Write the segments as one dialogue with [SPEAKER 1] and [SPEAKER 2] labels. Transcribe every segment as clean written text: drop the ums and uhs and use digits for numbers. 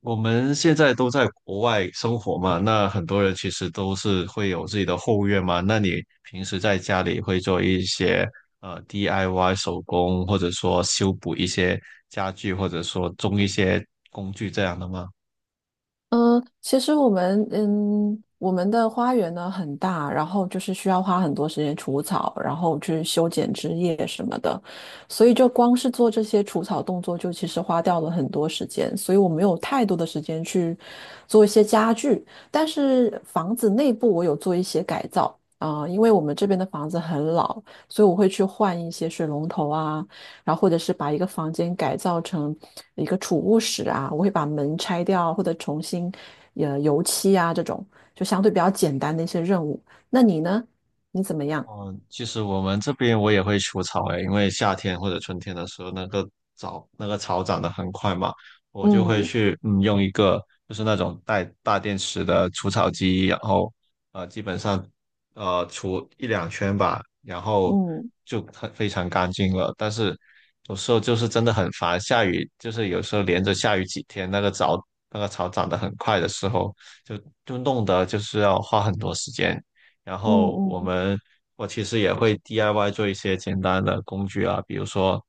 [SPEAKER 1] 我们现在都在国外生活嘛，那很多人其实都是会有自己的后院嘛。那你平时在家里会做一些DIY 手工，或者说修补一些家具，或者说种一些工具这样的吗？
[SPEAKER 2] 嗯，其实我们的花园呢很大，然后就是需要花很多时间除草，然后去修剪枝叶什么的，所以就光是做这些除草动作，就其实花掉了很多时间，所以我没有太多的时间去做一些家具，但是房子内部我有做一些改造啊，因为我们这边的房子很老，所以我会去换一些水龙头啊。然后或者是把一个房间改造成一个储物室啊，我会把门拆掉或者重新油漆啊这种，就相对比较简单的一些任务。那你呢？你怎么样？
[SPEAKER 1] 嗯，其实我们这边我也会除草诶，因为夏天或者春天的时候，那个草长得很快嘛，我就会
[SPEAKER 2] 嗯
[SPEAKER 1] 去用一个就是那种带大电池的除草机，然后基本上除一两圈吧，然后
[SPEAKER 2] 嗯
[SPEAKER 1] 就很非常干净了。但是有时候就是真的很烦，下雨就是有时候连着下雨几天，那个草长得很快的时候，就就弄得就是要花很多时间。然
[SPEAKER 2] 嗯
[SPEAKER 1] 后我
[SPEAKER 2] 嗯
[SPEAKER 1] 们我其实也会 DIY 做一些简单的工具啊，比如说，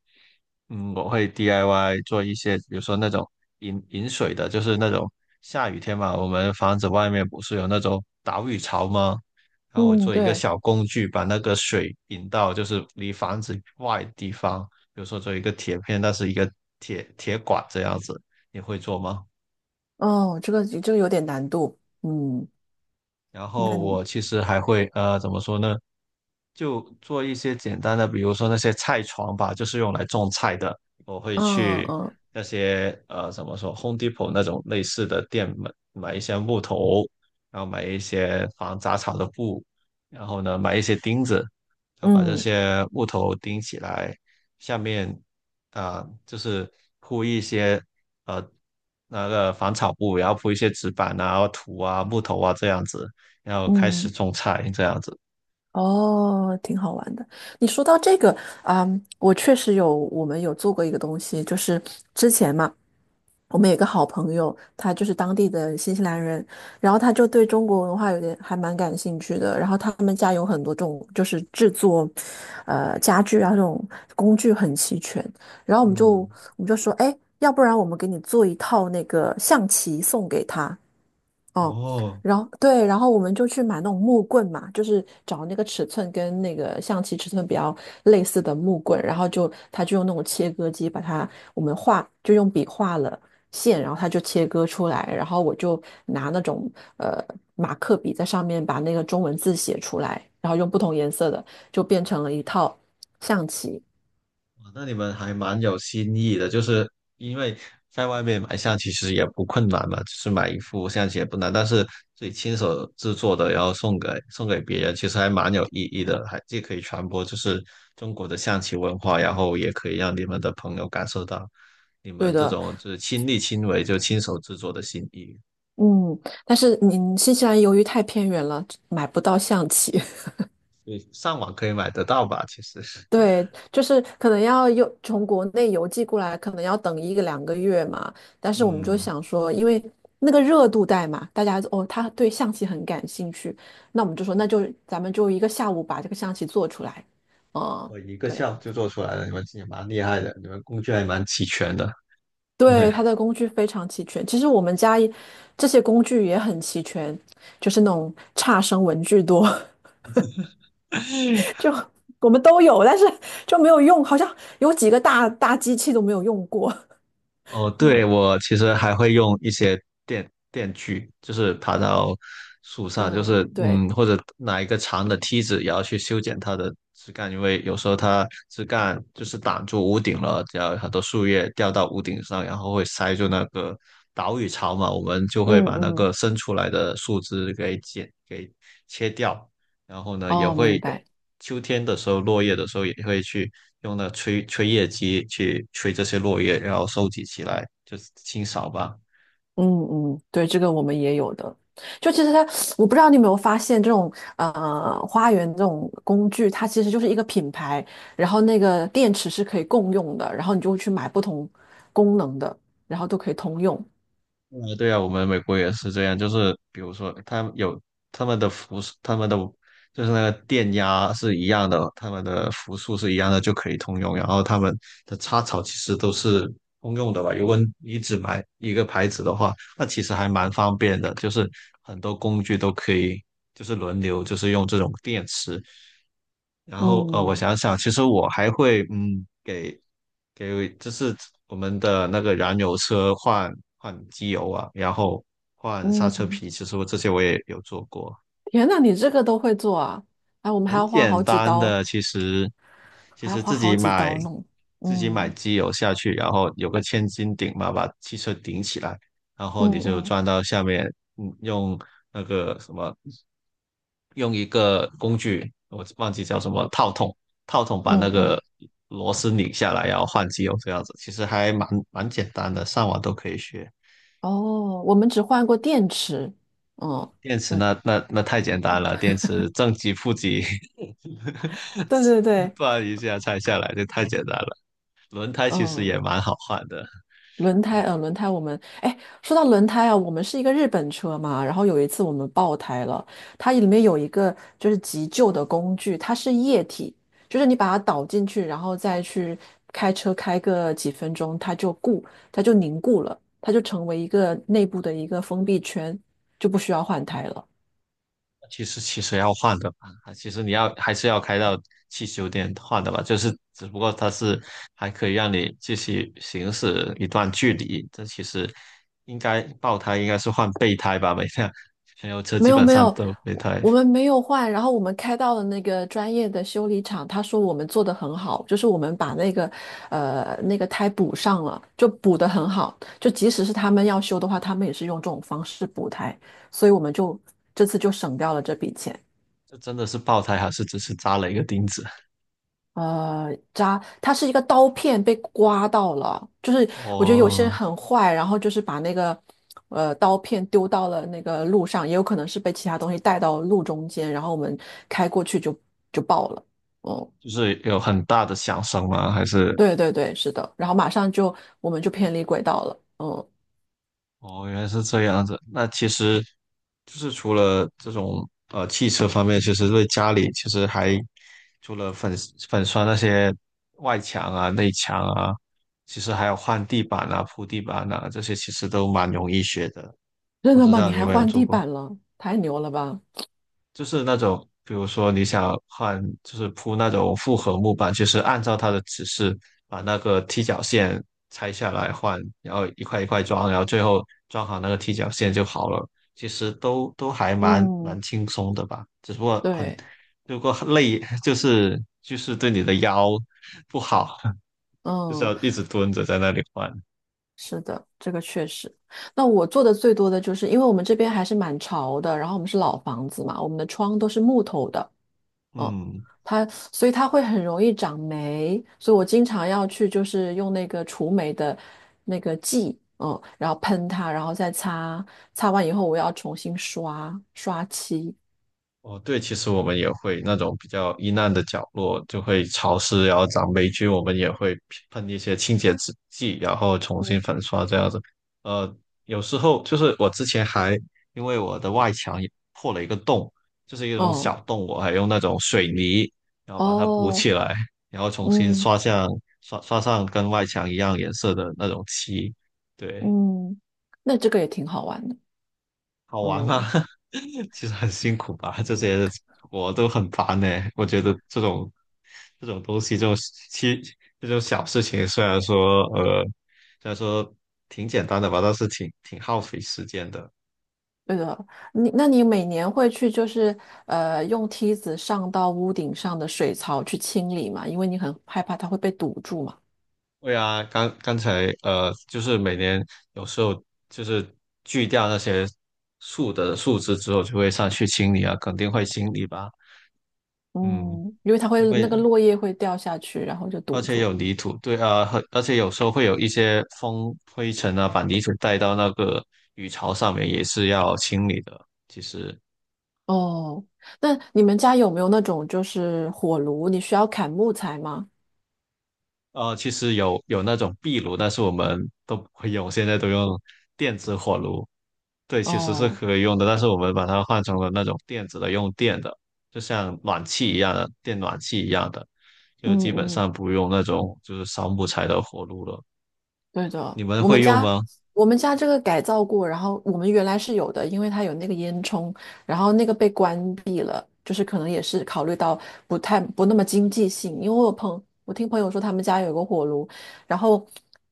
[SPEAKER 1] 嗯，我会 DIY 做一些，比如说那种饮水的，就是那种下雨天嘛，我们房子外面不是有那种导雨槽吗？然后我
[SPEAKER 2] 嗯，
[SPEAKER 1] 做一个
[SPEAKER 2] 对，
[SPEAKER 1] 小工具，把那个水引到就是离房子外的地方，比如说做一个铁片，那是一个铁管这样子，你会做吗？
[SPEAKER 2] 哦，这个有点难度，嗯，
[SPEAKER 1] 然
[SPEAKER 2] 那
[SPEAKER 1] 后
[SPEAKER 2] 你，
[SPEAKER 1] 我其实还会怎么说呢？就做一些简单的，比如说那些菜床吧，就是用来种菜的。我会
[SPEAKER 2] 嗯
[SPEAKER 1] 去
[SPEAKER 2] 嗯
[SPEAKER 1] 那些怎么说，Home Depot 那种类似的店买一些木头，然后买一些防杂草的布，然后呢买一些钉子，然后把这
[SPEAKER 2] 嗯
[SPEAKER 1] 些木头钉起来，下面啊、就是铺一些呃那个防草布，然后铺一些纸板啊、土啊、木头啊这样子。要开始
[SPEAKER 2] 嗯，
[SPEAKER 1] 种菜这样子。
[SPEAKER 2] 哦，挺好玩的。你说到这个啊，我确实有，我们有做过一个东西，就是之前嘛。我们有一个好朋友，他就是当地的新西兰人，然后他就对中国文化有点还蛮感兴趣的。然后他们家有很多这种就是制作，家具啊这种工具很齐全。然后我们就我
[SPEAKER 1] 嗯，
[SPEAKER 2] 们就说，哎，要不然我们给你做一套那个象棋送给他。哦，
[SPEAKER 1] 哦，
[SPEAKER 2] 然后对，然后我们就去买那种木棍嘛，就是找那个尺寸跟那个象棋尺寸比较类似的木棍，然后就他就用那种切割机把它，我们画就用笔画了线，然后他就切割出来，然后我就拿那种呃马克笔在上面把那个中文字写出来，然后用不同颜色的就变成了一套象棋。
[SPEAKER 1] 哇那你们还蛮有新意的，就是因为在外面买棋其实也不困难嘛，就是买一副象棋也不难，但是自己亲手制作的，然后送给别人，其实还蛮有意义的，还既可以传播就是中国的象棋文化，然后也可以让你们的朋友感受到你
[SPEAKER 2] 对
[SPEAKER 1] 们这
[SPEAKER 2] 的，
[SPEAKER 1] 种就是亲力亲为就亲手制作的心意。
[SPEAKER 2] 嗯，但是你新西兰由于太偏远了，买不到象棋。
[SPEAKER 1] 对，上网可以买得到吧？其实，
[SPEAKER 2] 对，就是可能要邮从国内邮寄过来，可能要等一个两个月嘛。但 是我们就
[SPEAKER 1] 嗯。
[SPEAKER 2] 想说，因为那个热度带嘛，大家哦，他对象棋很感兴趣，那我们就说，那就咱们就一个下午把这个象棋做出来。嗯，
[SPEAKER 1] 我一个
[SPEAKER 2] 对
[SPEAKER 1] 下午就做出来了，你们也蛮厉害的，你们工具还蛮齐全的。对，
[SPEAKER 2] 对，它的工具非常齐全。其实我们家也这些工具也很齐全，就是那种差生文具多，就 我们都有，但是就没有用，好像有几个大大机器都没有用过。
[SPEAKER 1] 哦，对，
[SPEAKER 2] 嗯
[SPEAKER 1] 我其实还会用一些电锯，就是爬到树上，就
[SPEAKER 2] 嗯，
[SPEAKER 1] 是
[SPEAKER 2] 对。
[SPEAKER 1] 嗯，或者拿一个长的梯子，也要去修剪它的枝干，因为有时候它枝干就是挡住屋顶了，然后很多树叶掉到屋顶上，然后会塞住那个岛屿槽嘛，我们就会
[SPEAKER 2] 嗯
[SPEAKER 1] 把那个
[SPEAKER 2] 嗯，
[SPEAKER 1] 伸出来的树枝给剪给切掉。然后呢，也
[SPEAKER 2] 哦，
[SPEAKER 1] 会
[SPEAKER 2] 明
[SPEAKER 1] 有
[SPEAKER 2] 白，
[SPEAKER 1] 秋天的时候，落叶的时候也会去用那吹叶机去吹这些落叶，然后收集起来，就是清扫吧。
[SPEAKER 2] 嗯嗯，对，这个我们也有的。就其实它，我不知道你有没有发现，这种花园这种工具，它其实就是一个品牌，然后那个电池是可以共用的，然后你就会去买不同功能的，然后都可以通用。
[SPEAKER 1] 对啊，我们美国也是这样，就是比如说，他们有他们的伏，他们的就是那个电压是一样的，他们的伏数是一样的，就可以通用。然后他们的插槽其实都是通用的吧？如果你只买一个牌子的话，那其实还蛮方便的，就是很多工具都可以，就是轮流，就是用这种电池。然后我
[SPEAKER 2] 嗯
[SPEAKER 1] 想想，其实我还会嗯，给就是我们的那个燃油车换机油啊，然后换刹车
[SPEAKER 2] 嗯，
[SPEAKER 1] 皮，其实我这些我也有做过。
[SPEAKER 2] 天呐，你这个都会做啊？哎，我们还
[SPEAKER 1] 很
[SPEAKER 2] 要花
[SPEAKER 1] 简
[SPEAKER 2] 好几
[SPEAKER 1] 单
[SPEAKER 2] 刀，
[SPEAKER 1] 的，其实其
[SPEAKER 2] 还要
[SPEAKER 1] 实
[SPEAKER 2] 花
[SPEAKER 1] 自
[SPEAKER 2] 好
[SPEAKER 1] 己
[SPEAKER 2] 几
[SPEAKER 1] 买
[SPEAKER 2] 刀弄。
[SPEAKER 1] 自己买
[SPEAKER 2] 嗯
[SPEAKER 1] 机油下去，然后有个千斤顶嘛，把汽车顶起来，然
[SPEAKER 2] 嗯
[SPEAKER 1] 后你就
[SPEAKER 2] 嗯
[SPEAKER 1] 装到下面，嗯，用那个什么，用一个工具，我忘记叫什么套筒，套筒把
[SPEAKER 2] 嗯
[SPEAKER 1] 那个
[SPEAKER 2] 嗯，
[SPEAKER 1] 螺丝拧下来，然后换机油这样子，其实还蛮简单的，上网都可以学。
[SPEAKER 2] 哦，我们只换过电池，嗯。
[SPEAKER 1] 电池
[SPEAKER 2] 就
[SPEAKER 1] 那太简单了，电池正极负极，
[SPEAKER 2] 对对 对，
[SPEAKER 1] 转一下拆下来，这太简单了。轮胎其实
[SPEAKER 2] 嗯，
[SPEAKER 1] 也蛮好换的，
[SPEAKER 2] 轮胎，轮胎，我们，哎，说到轮胎啊，我们是一个日本车嘛，然后有一次我们爆胎了，它里面有一个就是急救的工具，它是液体，就是你把它倒进去，然后再去开车开个几分钟，它就固，它就凝固了，它就成为一个内部的一个封闭圈，就不需要换胎了。
[SPEAKER 1] 其实要换的吧，其实你要还是要开到汽修店换的吧，就是只不过它是还可以让你继续行驶一段距离，这其实应该爆胎应该是换备胎吧，每辆燃油车
[SPEAKER 2] 没
[SPEAKER 1] 基
[SPEAKER 2] 有
[SPEAKER 1] 本
[SPEAKER 2] 没
[SPEAKER 1] 上
[SPEAKER 2] 有，
[SPEAKER 1] 都有备
[SPEAKER 2] 我
[SPEAKER 1] 胎，
[SPEAKER 2] 我们没有换，然后我们开到了那个专业的修理厂，他说我们做的很好，就是我们把那个那个胎补上了，就补的很好，就即使是他们要修的话，他们也是用这种方式补胎，所以我们就这次就省掉了这笔钱。
[SPEAKER 1] 这真的是爆胎还是只是扎了一个钉子？
[SPEAKER 2] 它是一个刀片被刮到了，就是我觉得有些人
[SPEAKER 1] 哦，
[SPEAKER 2] 很坏，然后就是把那个刀片丢到了那个路上，也有可能是被其他东西带到路中间，然后我们开过去就就爆了。嗯，
[SPEAKER 1] 就是有很大的响声吗？还是
[SPEAKER 2] 对对对，是的，然后马上就我们就偏离轨道了。嗯，
[SPEAKER 1] 哦，原来是这样子。那其实就是除了这种汽车方面，其实对家里其实还除了粉刷那些外墙啊、内墙啊，其实还有换地板啊、铺地板啊，这些其实都蛮容易学的。
[SPEAKER 2] 真
[SPEAKER 1] 我
[SPEAKER 2] 的
[SPEAKER 1] 知
[SPEAKER 2] 吗？
[SPEAKER 1] 道
[SPEAKER 2] 你
[SPEAKER 1] 你有
[SPEAKER 2] 还
[SPEAKER 1] 没有
[SPEAKER 2] 换
[SPEAKER 1] 做
[SPEAKER 2] 地
[SPEAKER 1] 过。
[SPEAKER 2] 板了？太牛了吧！
[SPEAKER 1] 就是那种，比如说你想换，就是铺那种复合木板，就是按照它的指示把那个踢脚线拆下来换，然后一块一块装，然后最后装好那个踢脚线就好了。其实都还蛮
[SPEAKER 2] 嗯，
[SPEAKER 1] 蛮轻松的吧，只不过很，
[SPEAKER 2] 对，
[SPEAKER 1] 如果很累，就是对你的腰不好，就是
[SPEAKER 2] 嗯。
[SPEAKER 1] 要一直蹲着在那里换。
[SPEAKER 2] 是的，这个确实。那我做的最多的就是，因为我们这边还是蛮潮的，然后我们是老房子嘛，我们的窗都是木头的，嗯，
[SPEAKER 1] 嗯，
[SPEAKER 2] 它所以它会很容易长霉，所以我经常要去就是用那个除霉的那个剂，嗯，然后喷它，然后再擦，擦完以后我要重新刷刷漆，
[SPEAKER 1] 哦，对，其实我们也会那种比较阴暗的角落，就会潮湿，然后长霉菌，我们也会喷一些清洁制剂，然后重新粉刷这样子。呃，有时候就是我之前还因为我的外墙也破了一个洞，就是一种
[SPEAKER 2] 哦
[SPEAKER 1] 小洞，我还用那种水泥，然后把它补
[SPEAKER 2] 哦，
[SPEAKER 1] 起来，然后重新
[SPEAKER 2] 嗯
[SPEAKER 1] 刷上跟外墙一样颜色的那种漆。对，
[SPEAKER 2] 嗯，那这个也挺好玩的，
[SPEAKER 1] 好玩吗？
[SPEAKER 2] 嗯。
[SPEAKER 1] 其实很辛苦吧，这些我都很烦呢、我觉得这种东西，其这种小事情，虽然说挺简单的吧，但是挺耗费时间的。
[SPEAKER 2] 对的，那你每年会去就是用梯子上到屋顶上的水槽去清理嘛？因为你很害怕它会被堵住嘛。
[SPEAKER 1] 对啊，刚刚才就是每年有时候就是锯掉那些树的树枝之后，就会上去清理啊，肯定会清理吧。嗯，
[SPEAKER 2] 嗯，因为它会
[SPEAKER 1] 因
[SPEAKER 2] 那个
[SPEAKER 1] 为
[SPEAKER 2] 落叶会掉下去，然后就
[SPEAKER 1] 而
[SPEAKER 2] 堵
[SPEAKER 1] 且
[SPEAKER 2] 住。
[SPEAKER 1] 有泥土，对啊，很而且有时候会有一些风、灰尘啊，把泥土带到那个鱼槽上面，也是要清理的。其实，
[SPEAKER 2] 哦，那你们家有没有那种就是火炉？你需要砍木材吗？
[SPEAKER 1] 其实有那种壁炉，但是我们都不会用，现在都用电子火炉。对，其实是
[SPEAKER 2] 哦，
[SPEAKER 1] 可以用的，但是我们把它换成了那种电子的，用电的，就像暖气一样的，电暖气一样的，
[SPEAKER 2] 嗯
[SPEAKER 1] 就基本
[SPEAKER 2] 嗯。
[SPEAKER 1] 上不用那种就是烧木材的火炉了。
[SPEAKER 2] 对的，
[SPEAKER 1] 你们
[SPEAKER 2] 我们
[SPEAKER 1] 会用
[SPEAKER 2] 家
[SPEAKER 1] 吗？
[SPEAKER 2] 我们家这个改造过，然后我们原来是有的，因为它有那个烟囱，然后那个被关闭了，就是可能也是考虑到不太不那么经济性，因为我听朋友说他们家有个火炉，然后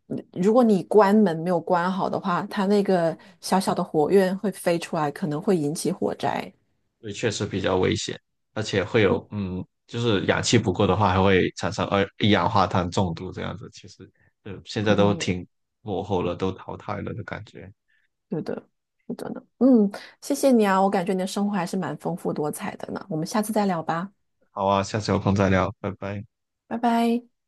[SPEAKER 2] 嗯如果你关门没有关好的话，它那个小小的火焰会飞出来，可能会引起火灾。
[SPEAKER 1] 对，确实比较危险，而且会
[SPEAKER 2] 嗯，
[SPEAKER 1] 有，嗯，就是氧气不够的话，还会产生二一氧化碳中毒这样子。其实，嗯，现在都
[SPEAKER 2] 哦
[SPEAKER 1] 挺落后了，都淘汰了的感觉。
[SPEAKER 2] 对的，是的呢。嗯，谢谢你啊，我感觉你的生活还是蛮丰富多彩的呢，我们下次再聊吧，
[SPEAKER 1] 好啊，下次有空再聊，拜拜。
[SPEAKER 2] 拜拜。